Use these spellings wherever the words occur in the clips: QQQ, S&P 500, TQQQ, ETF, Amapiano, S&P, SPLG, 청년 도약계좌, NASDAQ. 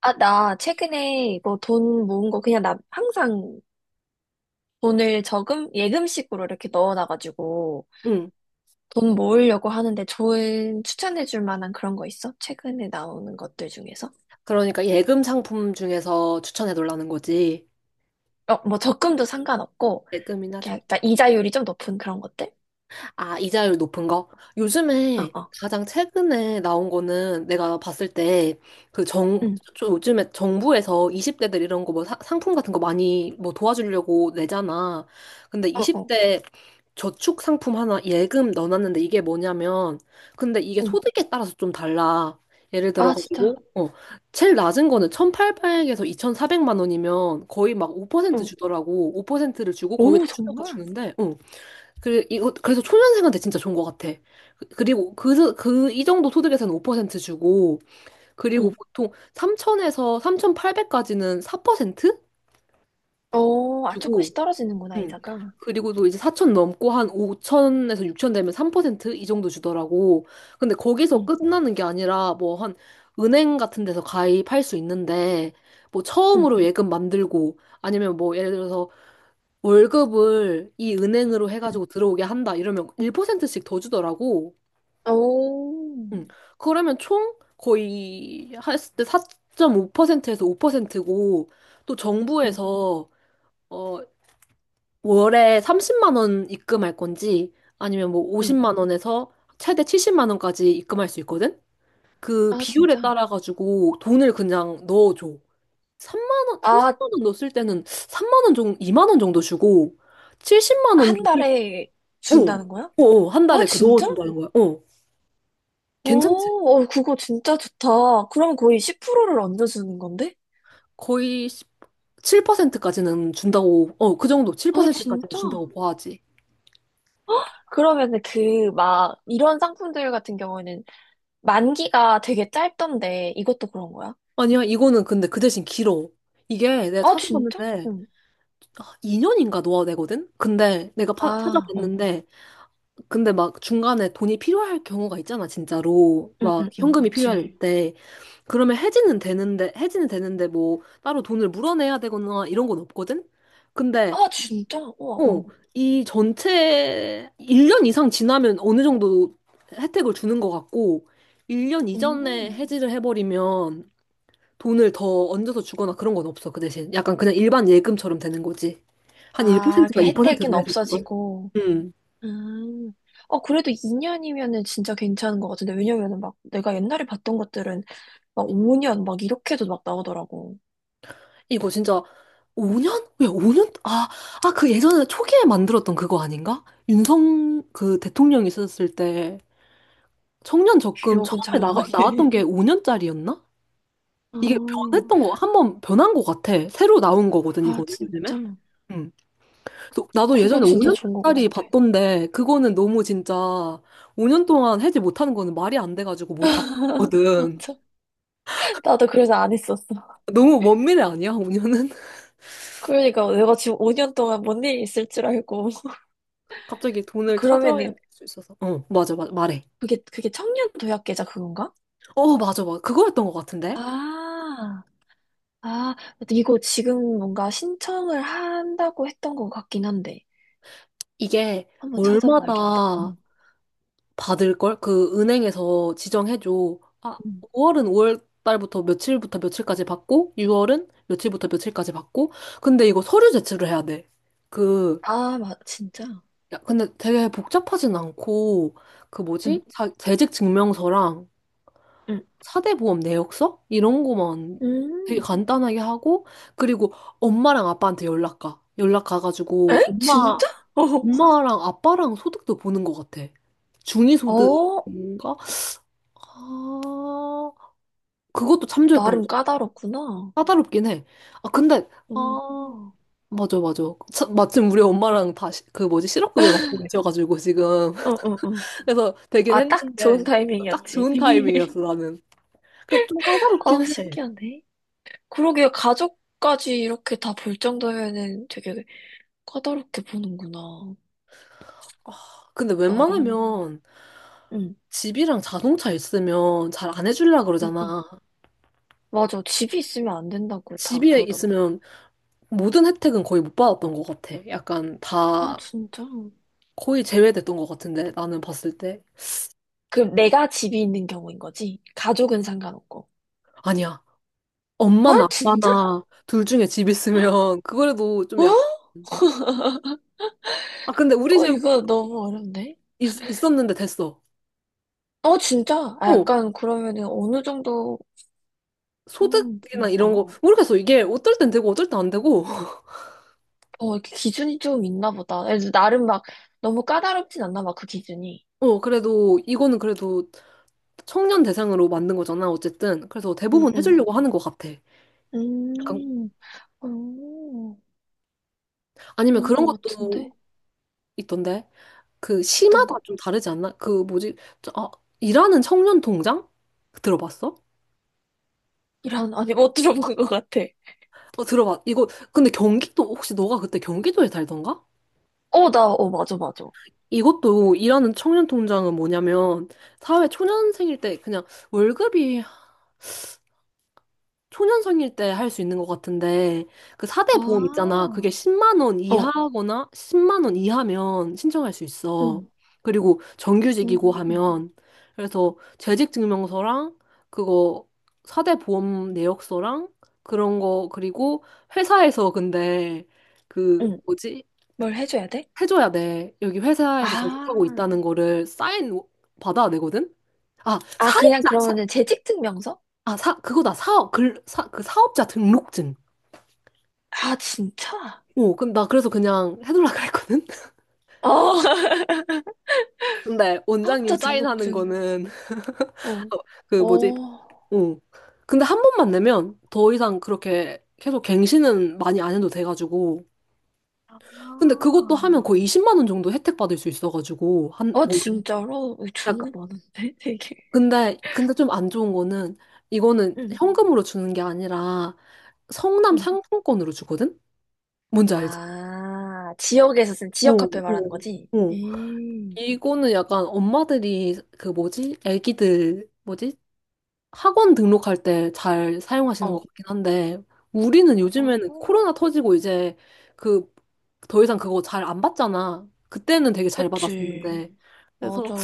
아, 나 최근에 뭐 돈 모은 거 그냥 나 항상 돈을 저금, 예금식으로 이렇게 넣어놔가지고 응. 돈 모으려고 하는데 좋은 추천해줄 만한 그런 거 있어? 최근에 나오는 것들 중에서? 그러니까 예금 상품 중에서 추천해 달라는 거지. 어, 뭐 적금도 상관없고, 예금이나 이렇게 저. 약간 이자율이 좀 높은 그런 것들? 아, 이자율 높은 거? 어, 요즘에 어, 가장 최근에 나온 거는 내가 봤을 때 그 정, 응, 좀 요즘에 정부에서 20대들 이런 거 뭐 상품 같은 거 많이 뭐 도와주려고 내잖아. 근데 어, 어, 20대 저축 상품 하나 예금 넣어놨는데 이게 뭐냐면 근데 이게 응. 소득에 따라서 좀 달라. 예를 아, 들어가지고 진짜? 제일 낮은 거는 1,800에서 2,400만 원이면 거의 막 5% 응. 주더라고. 5%를 주고 거기다 오, 추가가 정말? 주는데 그래서 초년생한테 진짜 좋은 것 같아. 그리고 이 정도 소득에서는 5% 주고, 그리고 응. 보통 3천에서 3,800까지는 4% 어, 아, 주고, 조금씩 떨어지는구나, 음. 이자가. 그리고 또 이제 4천 넘고 한 5천에서 6천 되면 3%이 정도 주더라고. 근데 거기서 응, 끝나는 게 아니라 뭐 한 은행 같은 데서 가입할 수 있는데, 뭐 응, 처음으로 예금 만들고, 아니면 뭐 예를 들어서 월급을 이 은행으로 응. 해가지고 들어오게 한다 이러면 1%씩 더 주더라고. 오, 응. 그러면 총 거의 했을 때 4.5%에서 5%고 또 응, 정부에서 어 월에 30만 원 입금할 건지 아니면 뭐 응. 50만 원에서 최대 70만 원까지 입금할 수 있거든. 그 아, 비율에 진짜? 따라 가지고 돈을 그냥 넣어줘. 3만 원, 아, 30만 원 넣었을 때는 3만 원 정도, 2만 원 정도 주고 70만 원 한 달에 오, 준다는 거야? 오, 오, 한 아, 달에 그 진짜? 넣어준다는 거야. 어, 어, 괜찮지? 어, 그거 진짜 좋다. 그러면 거의 10%를 얹어주는 건데? 거의 7%까지는 준다고, 그 정도, 아, 7%까지는 진짜? 준다고 봐야지. 그러면은 그, 막, 이런 상품들 같은 경우에는 만기가 되게 짧던데, 이것도 그런 거야? 아니야, 이거는 근데 그 대신 길어. 이게 내가 아, 진짜? 찾아봤는데, 응. 아, 2년인가 넣어야 되거든? 근데 내가 아, 응. 찾아봤는데, 근데 막 중간에 돈이 필요할 경우가 있잖아, 진짜로. 응, 막 응, 응. 현금이 그치. 필요할 때. 그러면 해지는 되는데 뭐 따로 돈을 물어내야 되거나 이런 건 없거든? 근데 아, 진짜? 우와, 어, 응. 이 전체 1년 이상 지나면 어느 정도 혜택을 주는 것 같고, 1년 이전에 음. 해지를 해버리면 돈을 더 얹어서 주거나 그런 건 없어, 그 대신. 약간 그냥 일반 예금처럼 되는 거지. 한 아, 그 1%가 혜택은 2%로 해서 줄걸? 없어지고. 음. 아, 어, 그래도 2년이면은 진짜 괜찮은 것 같은데, 왜냐면은 막 내가 옛날에 봤던 것들은 막 5년 막 이렇게도 막 나오더라고. 이거 진짜 5년? 왜 5년? 아, 아, 그 예전에 초기에 만들었던 그거 아닌가? 윤석 그 대통령이 있었을 때 청년 적금 기억은 잘 처음에 안 나게. 나왔던 게 5년짜리였나? 아, 이게 변했던 거, 한 번 변한 거 같아. 새로 나온 거거든, 아, 이거는 요즘에. 진짜. 음. 그래서 나도 그거 예전에 진짜 좋은 것 5년짜리 같은데. 봤던데, 그거는 너무 진짜 5년 동안 해지 못하는 거는 말이 안 돼가지고 못, 안 아, 봤거든. 참. 나도 그래서 안 했었어. 너무 먼 미래 아니야, 5년은? 그러니까 내가 지금 5년 동안 뭔 일이 있을 줄 알고. 갑자기 돈을 찾아야 할 그러면은 수 있어서. 어, 맞아, 맞아, 말해. 그게 청년 도약계좌 그건가? 어, 맞아, 맞아. 그거였던 것 같은데? 아, 아, 이거 지금 뭔가 신청을 한다고 했던 것 같긴 한데. 이게 한번 찾아봐야겠다. 월마다 응. 받을 걸? 그 은행에서 지정해 줘. 아, 응. 5월은 5월 달부터 며칠부터 며칠까지 받고 6월은 며칠부터 며칠까지 받고 근데 이거 서류 제출을 해야 돼. 그 아, 맞, 진짜? 야, 근데 되게 복잡하진 않고 그 응. 뭐지? 재직 증명서랑 응. 사대보험 내역서 이런 거만 되게 음. 간단하게 하고 그리고 엄마랑 아빠한테 연락 가. 연락 가가지고 에? 엄마 진짜? 엄마랑 아빠랑 소득도 보는 것 같아. 어. 어, 중위소득인가? 아, 그것도 참조했던 나름 거죠. 까다롭구나. 까다롭긴 해. 아, 근데, 응. 아, 어, 맞아, 맞아. 마침 우리 엄마랑 그 뭐지, 실업급여 받고 계셔가지고, 지금. 어, 어, 어. 그래서 되긴 아, 딱 좋은 했는데, 딱 타이밍이었지. 좋은 타이밍이었어, 나는. 그, 좀 까다롭긴 아, 해. 신기하네. 그러게요. 가족까지 이렇게 다 볼 정도면은 되게 까다롭게 보는구나. 아, 근데 나름. 웬만하면 응. 집이랑 자동차 있으면 잘 안 해주려고 응. 그러잖아. 응. 맞아. 집이 있으면 안 된다고 다 집에 그러더라고. 있으면 모든 혜택은 거의 못 받았던 것 같아. 약간 아, 다 진짜? 거의 제외됐던 것 같은데, 나는 봤을 때. 그럼 내가 집이 있는 경우인 거지? 가족은 상관없고. 아니야. 엄마나 아, 진짜? 아빠나 둘 중에 집 있으면 그거라도 좀 어? 약간 아 근데 우리 어, 집 이거 너무 어렵네. 있었는데 됐어. 어, 진짜? 아, 어 약간 그러면은 어느 정도, 소득이나 이런 일까? 거 모르겠어. 이게 어떨 땐 되고 어떨 땐 안 되고. 어, 이렇게 기준이 좀 있나 보다. 그래서 나름 막 너무 까다롭진 않나 봐, 그 기준이. 어 그래도 이거는 그래도 청년 대상으로 만든 거잖아 어쨌든. 그래서 응, 대부분 응. 해주려고 하는 것 같아. 약간 음, 어, 아니면 그런 그런 거 것도 같은데? 있던데 그 어떤 시마다 거? 좀 다르지 않나? 그 뭐지? 저, 아 일하는 청년 통장 들어봤어? 이런, 아니, 못 들어본 것 같아. 어 들어봤. 이거 근데 경기도 혹시 너가 그때 경기도에 살던가? 어, 나, 어, 맞아, 맞아. 이것도 일하는 청년 통장은 뭐냐면 사회 초년생일 때 그냥 월급이 초년생일 때 할 수 있는 것 같은데 그 4대 보험 아, 있잖아. 그게 10만 원 어, 이하거나 10만 원 이하면 신청할 수 있어. 응, 그리고 정규직이고 응 하면 그래서 재직증명서랑 그거 4대 보험 내역서랑 그런 거 그리고 회사에서 근데 그 응. 뭐지? 뭘 해줘야 돼? 해줘야 돼. 여기 회사에서 재직하고 아, 있다는 거를 사인 받아야 되거든? 아, 그냥 사업자, 그러면은 재직 증명서? 그거다. 그 사업자 등록증. 아, 진짜? 오, 그럼 나 그래서 그냥 해달라 그랬거든? 어, 근데 원장님 사업자 사인하는 등록증. 거는, 어. 어, 그 뭐지, 어. 어. 근데 한 번만 내면 더 이상 그렇게 계속 갱신은 많이 안 해도 돼가지고. 아, 근데 그것도 하면 거의 20만 원 정도 혜택 받을 수 있어가지고, 한, 아, 올해. 진짜로? 어, 좋은 거 많은데, 되게. 근데 좀 안 좋은 거는, 이거는 응, 현금으로 주는 게 아니라, 성남 응. 상품권으로 주거든? 뭔지 알지? 아, 지역에서 쓴 어, 지역 화폐 말하는 거지? 어, 어. 음. 이거는 약간 엄마들이, 그 뭐지? 애기들, 뭐지? 학원 등록할 때 잘 사용하시는 것 어, 같긴 한데, 우리는 요즘에는 어, 코로나 터지고 이제, 그, 더 이상 그거 잘 안 받잖아. 그때는 되게 잘 그치. 받았었는데. 그래서 맞아.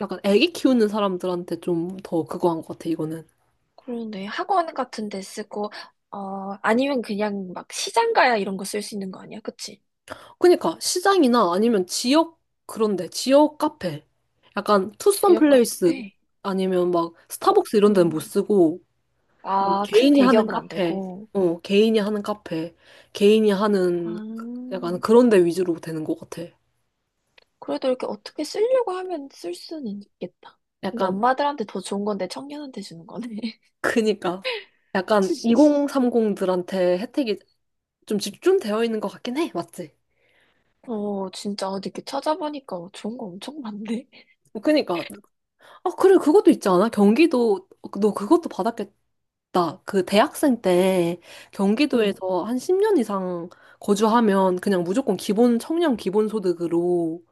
약간 애기 키우는 사람들한테 좀 더 그거 한 것 같아, 이거는. 그러네. 학원 같은 데 쓰고, 어, 아니면 그냥 막 시장 가야 이런 거 쓸 수 있는 거 아니야? 그치? 그니까 시장이나 아니면 지역 그런데 지역 카페 약간 투썸 지역 플레이스 카페? 아니면 막 어, 스타벅스 이런 데는 못 쓰고 뭐 아, 큰 개인이 하는 대기업은 안 카페 되고. 개인이 하는 카페 개인이 하는 아. 약간 그런 데 위주로 되는 것 같아 그래도 이렇게 어떻게 쓰려고 하면 쓸 수는 있겠다. 근데 약간 엄마들한테 더 좋은 건데 청년한테 주는 거네. 그니까 약간 2030들한테 혜택이 좀 집중되어 있는 것 같긴 해 맞지? 어, 진짜 어디 이렇게 찾아보니까 좋은 거 엄청 많네. 그니까 아, 그래, 그것도 있지 않아? 경기도, 너 그것도 받았겠다. 그 대학생 때 응, 경기도에서 한 10년 이상 거주하면 그냥 무조건 기본, 청년 기본 소득으로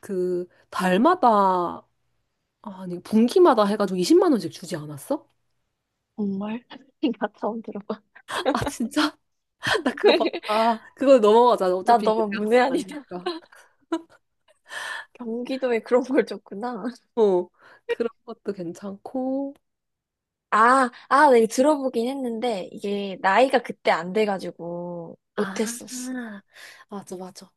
그 달마다, 아, 아니, 분기마다 해가지고 20만 원씩 주지 않았어? 정말. 나 처음 들어봐. 아, 진짜? 나 그거 봤다. 아, 그거 넘어가자. 나 어차피 이제 너무 대학생 문외한이다. 아니니까. 경기도에 그런 걸 줬구나. 어, 그런 것도 괜찮고. 아, 아, 내가 들어보긴 했는데 이게 나이가 그때 안 돼가지고 아, 못했었어. 맞아, 맞아.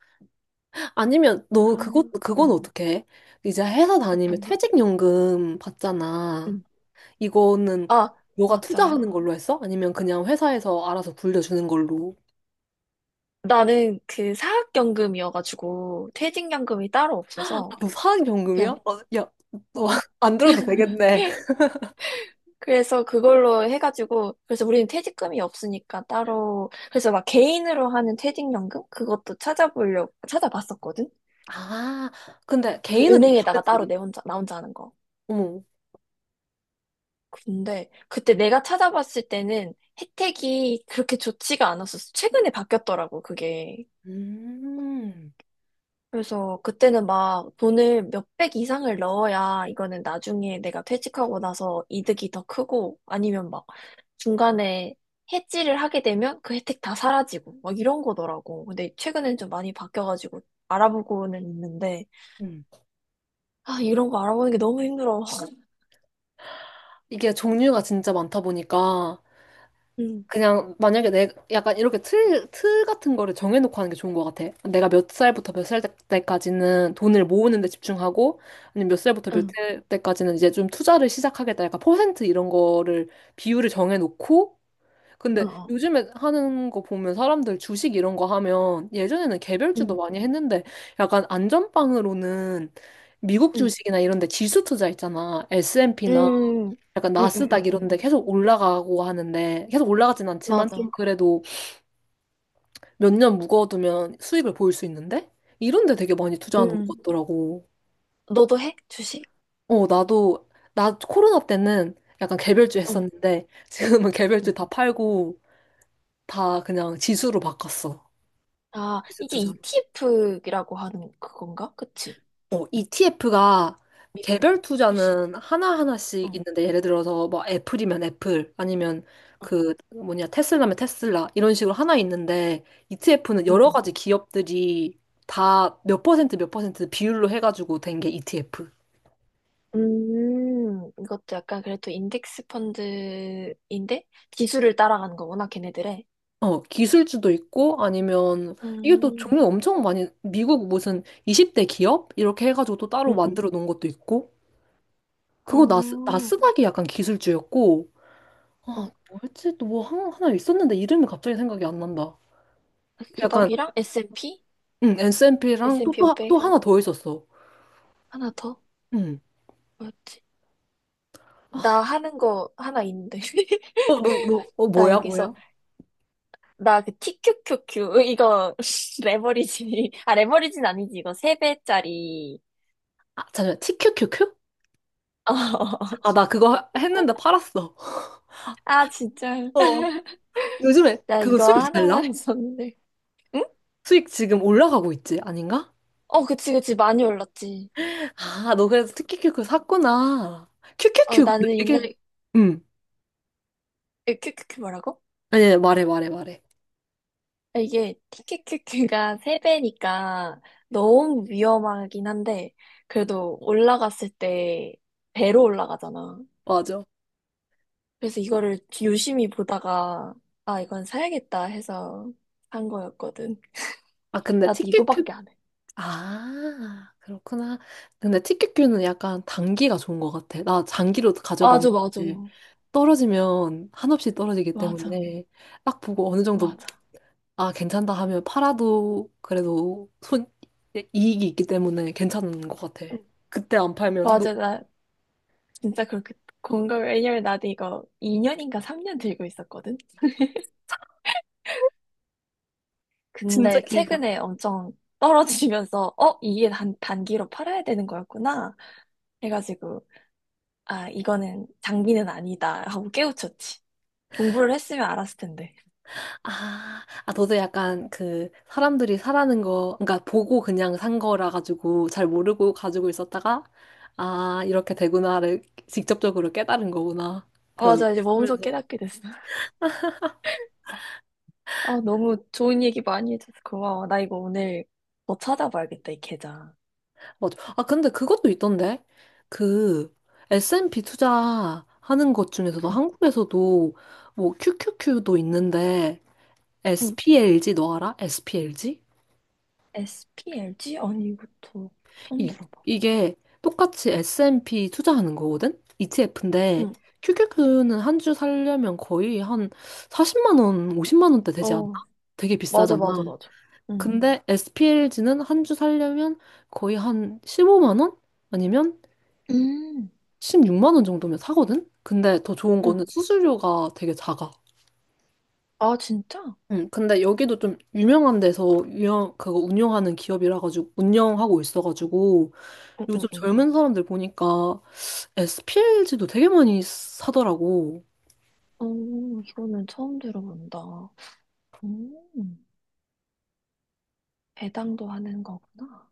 아니면 아, 너 그것 그건 응, 어떻게 해? 이제 회사 다니면 어떤가? 퇴직연금 받잖아. 응. 이거는 아, 너가 투자하는 맞아. 걸로 했어? 아니면 그냥 회사에서 알아서 불려주는 걸로? 나는 그 사학연금이어가지고 퇴직연금이 따로 아, 없어서 너 사학연금이야? 그냥 어, 야, 너 어 안 들어도 되겠네. 그래서 그걸로 해가지고 그래서 우리는 퇴직금이 없으니까 따로 그래서 막 개인으로 하는 퇴직연금 그것도 찾아보려고 찾아봤었거든 아, 근데 그 개인은 좀 은행에다가 따로 다르지. 내 혼자 나 혼자 하는 거 어머. 근데 그때 내가 찾아봤을 때는 혜택이 그렇게 좋지가 않았었어. 최근에 바뀌었더라고 그게. 음. 그래서 그때는 막 돈을 몇백 이상을 넣어야 이거는 나중에 내가 퇴직하고 나서 이득이 더 크고 아니면 막 중간에 해지를 하게 되면 그 혜택 다 사라지고 막 이런 거더라고. 근데 최근엔 좀 많이 바뀌어가지고 알아보고는 있는데 음. 아 이런 거 알아보는 게 너무 힘들어. 이게 종류가 진짜 많다 보니까 응, 그냥 만약에 내 약간 이렇게 틀 같은 거를 정해놓고 하는 게 좋은 것 같아. 내가 몇 살부터 몇 살 때까지는 돈을 모으는 데 집중하고, 아니면 몇 살부터 몇 응, 살 때까지는 이제 좀 투자를 시작하겠다. 약간 퍼센트 이런 거를 비율을 정해놓고, 응, 근데 어, 요즘에 하는 거 보면 사람들 주식 이런 거 하면 예전에는 개별주도 응, 많이 했는데 약간 안전빵으로는 미국 응, 주식이나 이런 데 지수 투자 있잖아. S&P나 응, 약간 응, 응, 나스닥 응, 이런 응. 데 계속 올라가고 하는데 계속 올라가진 않지만 좀 맞아. 그래도 몇 년 묵어두면 수익을 보일 수 있는데 이런 데 되게 많이 투자하는 것 응. 같더라고. 너도 해? 주식? 나도 나 코로나 때는 약간 개별주 응, 했었는데 지금은 개별주 응. 다 팔고 다 그냥 지수로 바꿨어. 아 지수 이게 투자. ETF라고 하는 그건가? 그치? ETF가 미국 개별 주식. 투자는 하나하나씩 응, 있는데 예를 들어서 뭐 애플이면 애플 아니면 응, 그 뭐냐 테슬라면 테슬라 이런 식으로 하나 있는데 ETF는 응, 여러 응. 가지 기업들이 다 몇 퍼센트 몇 퍼센트 비율로 해가지고 된 게 ETF. 이것도 약간 그래도 인덱스 펀드인데 지수를 따라가는 거구나, 걔네들의. 기술주도 있고 아니면 이게 또 음, 종류 엄청 많이 미국 무슨 20대 기업 이렇게 해가지고 또 따로 응, 응. 만들어 놓은 것도 있고 그거 어, 나스닥이 약간 기술주였고 어. 아, 뭐였지? 또 뭐 하나 있었는데 이름이 갑자기 생각이 안 난다. 약간 나스닥이랑 S&P? 응, SNP랑 S&P 또 500? 하나 더 있었어. 하나 더? 응. 뭐였지? 나 하는 거 하나 있는데. 나 뭐야, 여기서, 뭐야? 나 그 TQQQ, 이거, 레버리지. 아, 레버리지는 아니지. 이거 세배짜리 아, 잠시만. TQQQ? 어. 아, 나 그거 했는데 팔았어. 아, 진짜. 어, 요즘에 나 그거 이거 수익 잘 하나만 나? 했었는데. 응? 수익 지금 올라가고 있지, 아닌가? 어, 그치, 그치. 많이 올랐지. 아, 너 그래서 TQQQ 샀구나. 어, QQQ 근데 나는 되게 옛날에, 응. 에, 큐큐큐 뭐라고? 아니, 아니, 말해, 말해, 말해. 아, 이게 TQQQ가 세배니까 너무 위험하긴 한데, 그래도 올라갔을 때 배로 올라가잖아. 맞아. 그래서 이거를 유심히 보다가, 아, 이건 사야겠다 해서 산 거였거든. 아, 근데 나도 TQQ 이거밖에 안 해. 아, 그렇구나. 근데 티켓큐는 약간 단기가 좋은 것 같아. 나 장기로 맞아, 맞아. 가져봤는데 떨어지면 한없이 떨어지기 맞아, 때문에 딱 보고 어느 정도 맞아. 아, 괜찮다 하면 팔아도 그래도 손 이익이 있기 때문에 괜찮은 것 같아. 응. 그때 안 팔면 너 맞아, 나 진짜 그렇게 공감, 왜냐면 나도 이거 2년인가 3년 들고 있었거든. 진짜 근데 길다. 최근에 엄청 떨어지면서, 어, 이게 단기로 팔아야 되는 거였구나. 해가지고, 아, 이거는 장비는 아니다. 하고 깨우쳤지. 공부를 했으면 알았을 텐데. 아, 아, 너도 약간 그 사람들이 사라는 거, 그러니까 보고 그냥 산 거라 가지고 잘 모르고 가지고 있었다가, 아, 이렇게 되구나를 직접적으로 깨달은 거구나. 아, 그, 맞아. 이제 몸소 하면서. 깨닫게 됐어. 아, 너무 좋은 얘기 많이 해줘서 고마워. 나 이거 오늘 더 찾아봐야겠다, 이 계좌. 맞아. 아, 근데 그것도 있던데? 그 S&P 투자하는 것 중에서도 응. 한국에서도 뭐 QQQ도 있는데, 응. SPLG 너 알아? SPLG? SPLG? 아니, 이것도 처음 이, 들어봐. 이게 똑같이 S&P 투자하는 거거든? ETF인데 응. QQQ는 한 주 살려면 거의 한 40만 원, 50만 원대 되지 않나? 어, 되게 맞아, 비싸잖아. 맞아, 맞아. 응. 근데 SPLG는 한 주 살려면 거의 한 15만 원? 아니면 음. 16만 원 정도면 사거든? 근데 더 좋은 거는 응. 수수료가 되게 작아. 아, 진짜? 응, 근데 여기도 좀 유명한 데서 그거 운영하는 기업이라 가지고 운영하고 있어 가지고 응, 응, 요즘 응. 젊은 사람들 보니까 SPLG도 되게 많이 사더라고. 어 이거는 처음 들어본다. 음, 배당도 하는 거구나.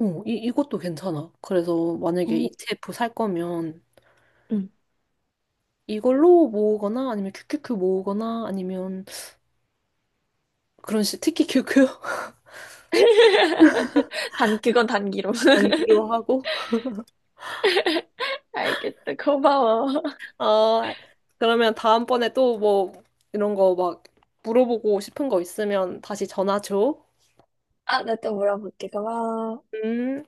어, 이것도 괜찮아. 그래서 만약에 어, ETF 살 거면 응. 이걸로 모으거나 아니면 QQQ 모으거나 아니면 그런 식, 특히 QQ 단, 그건 단기로. 장기로 하고. 알겠어. 고마워. 아, 그러면 다음번에 또 뭐 이런 거 막 물어보고 싶은 거 있으면 다시 전화 줘. 아, 나 또 물어볼게. 고마워. 음.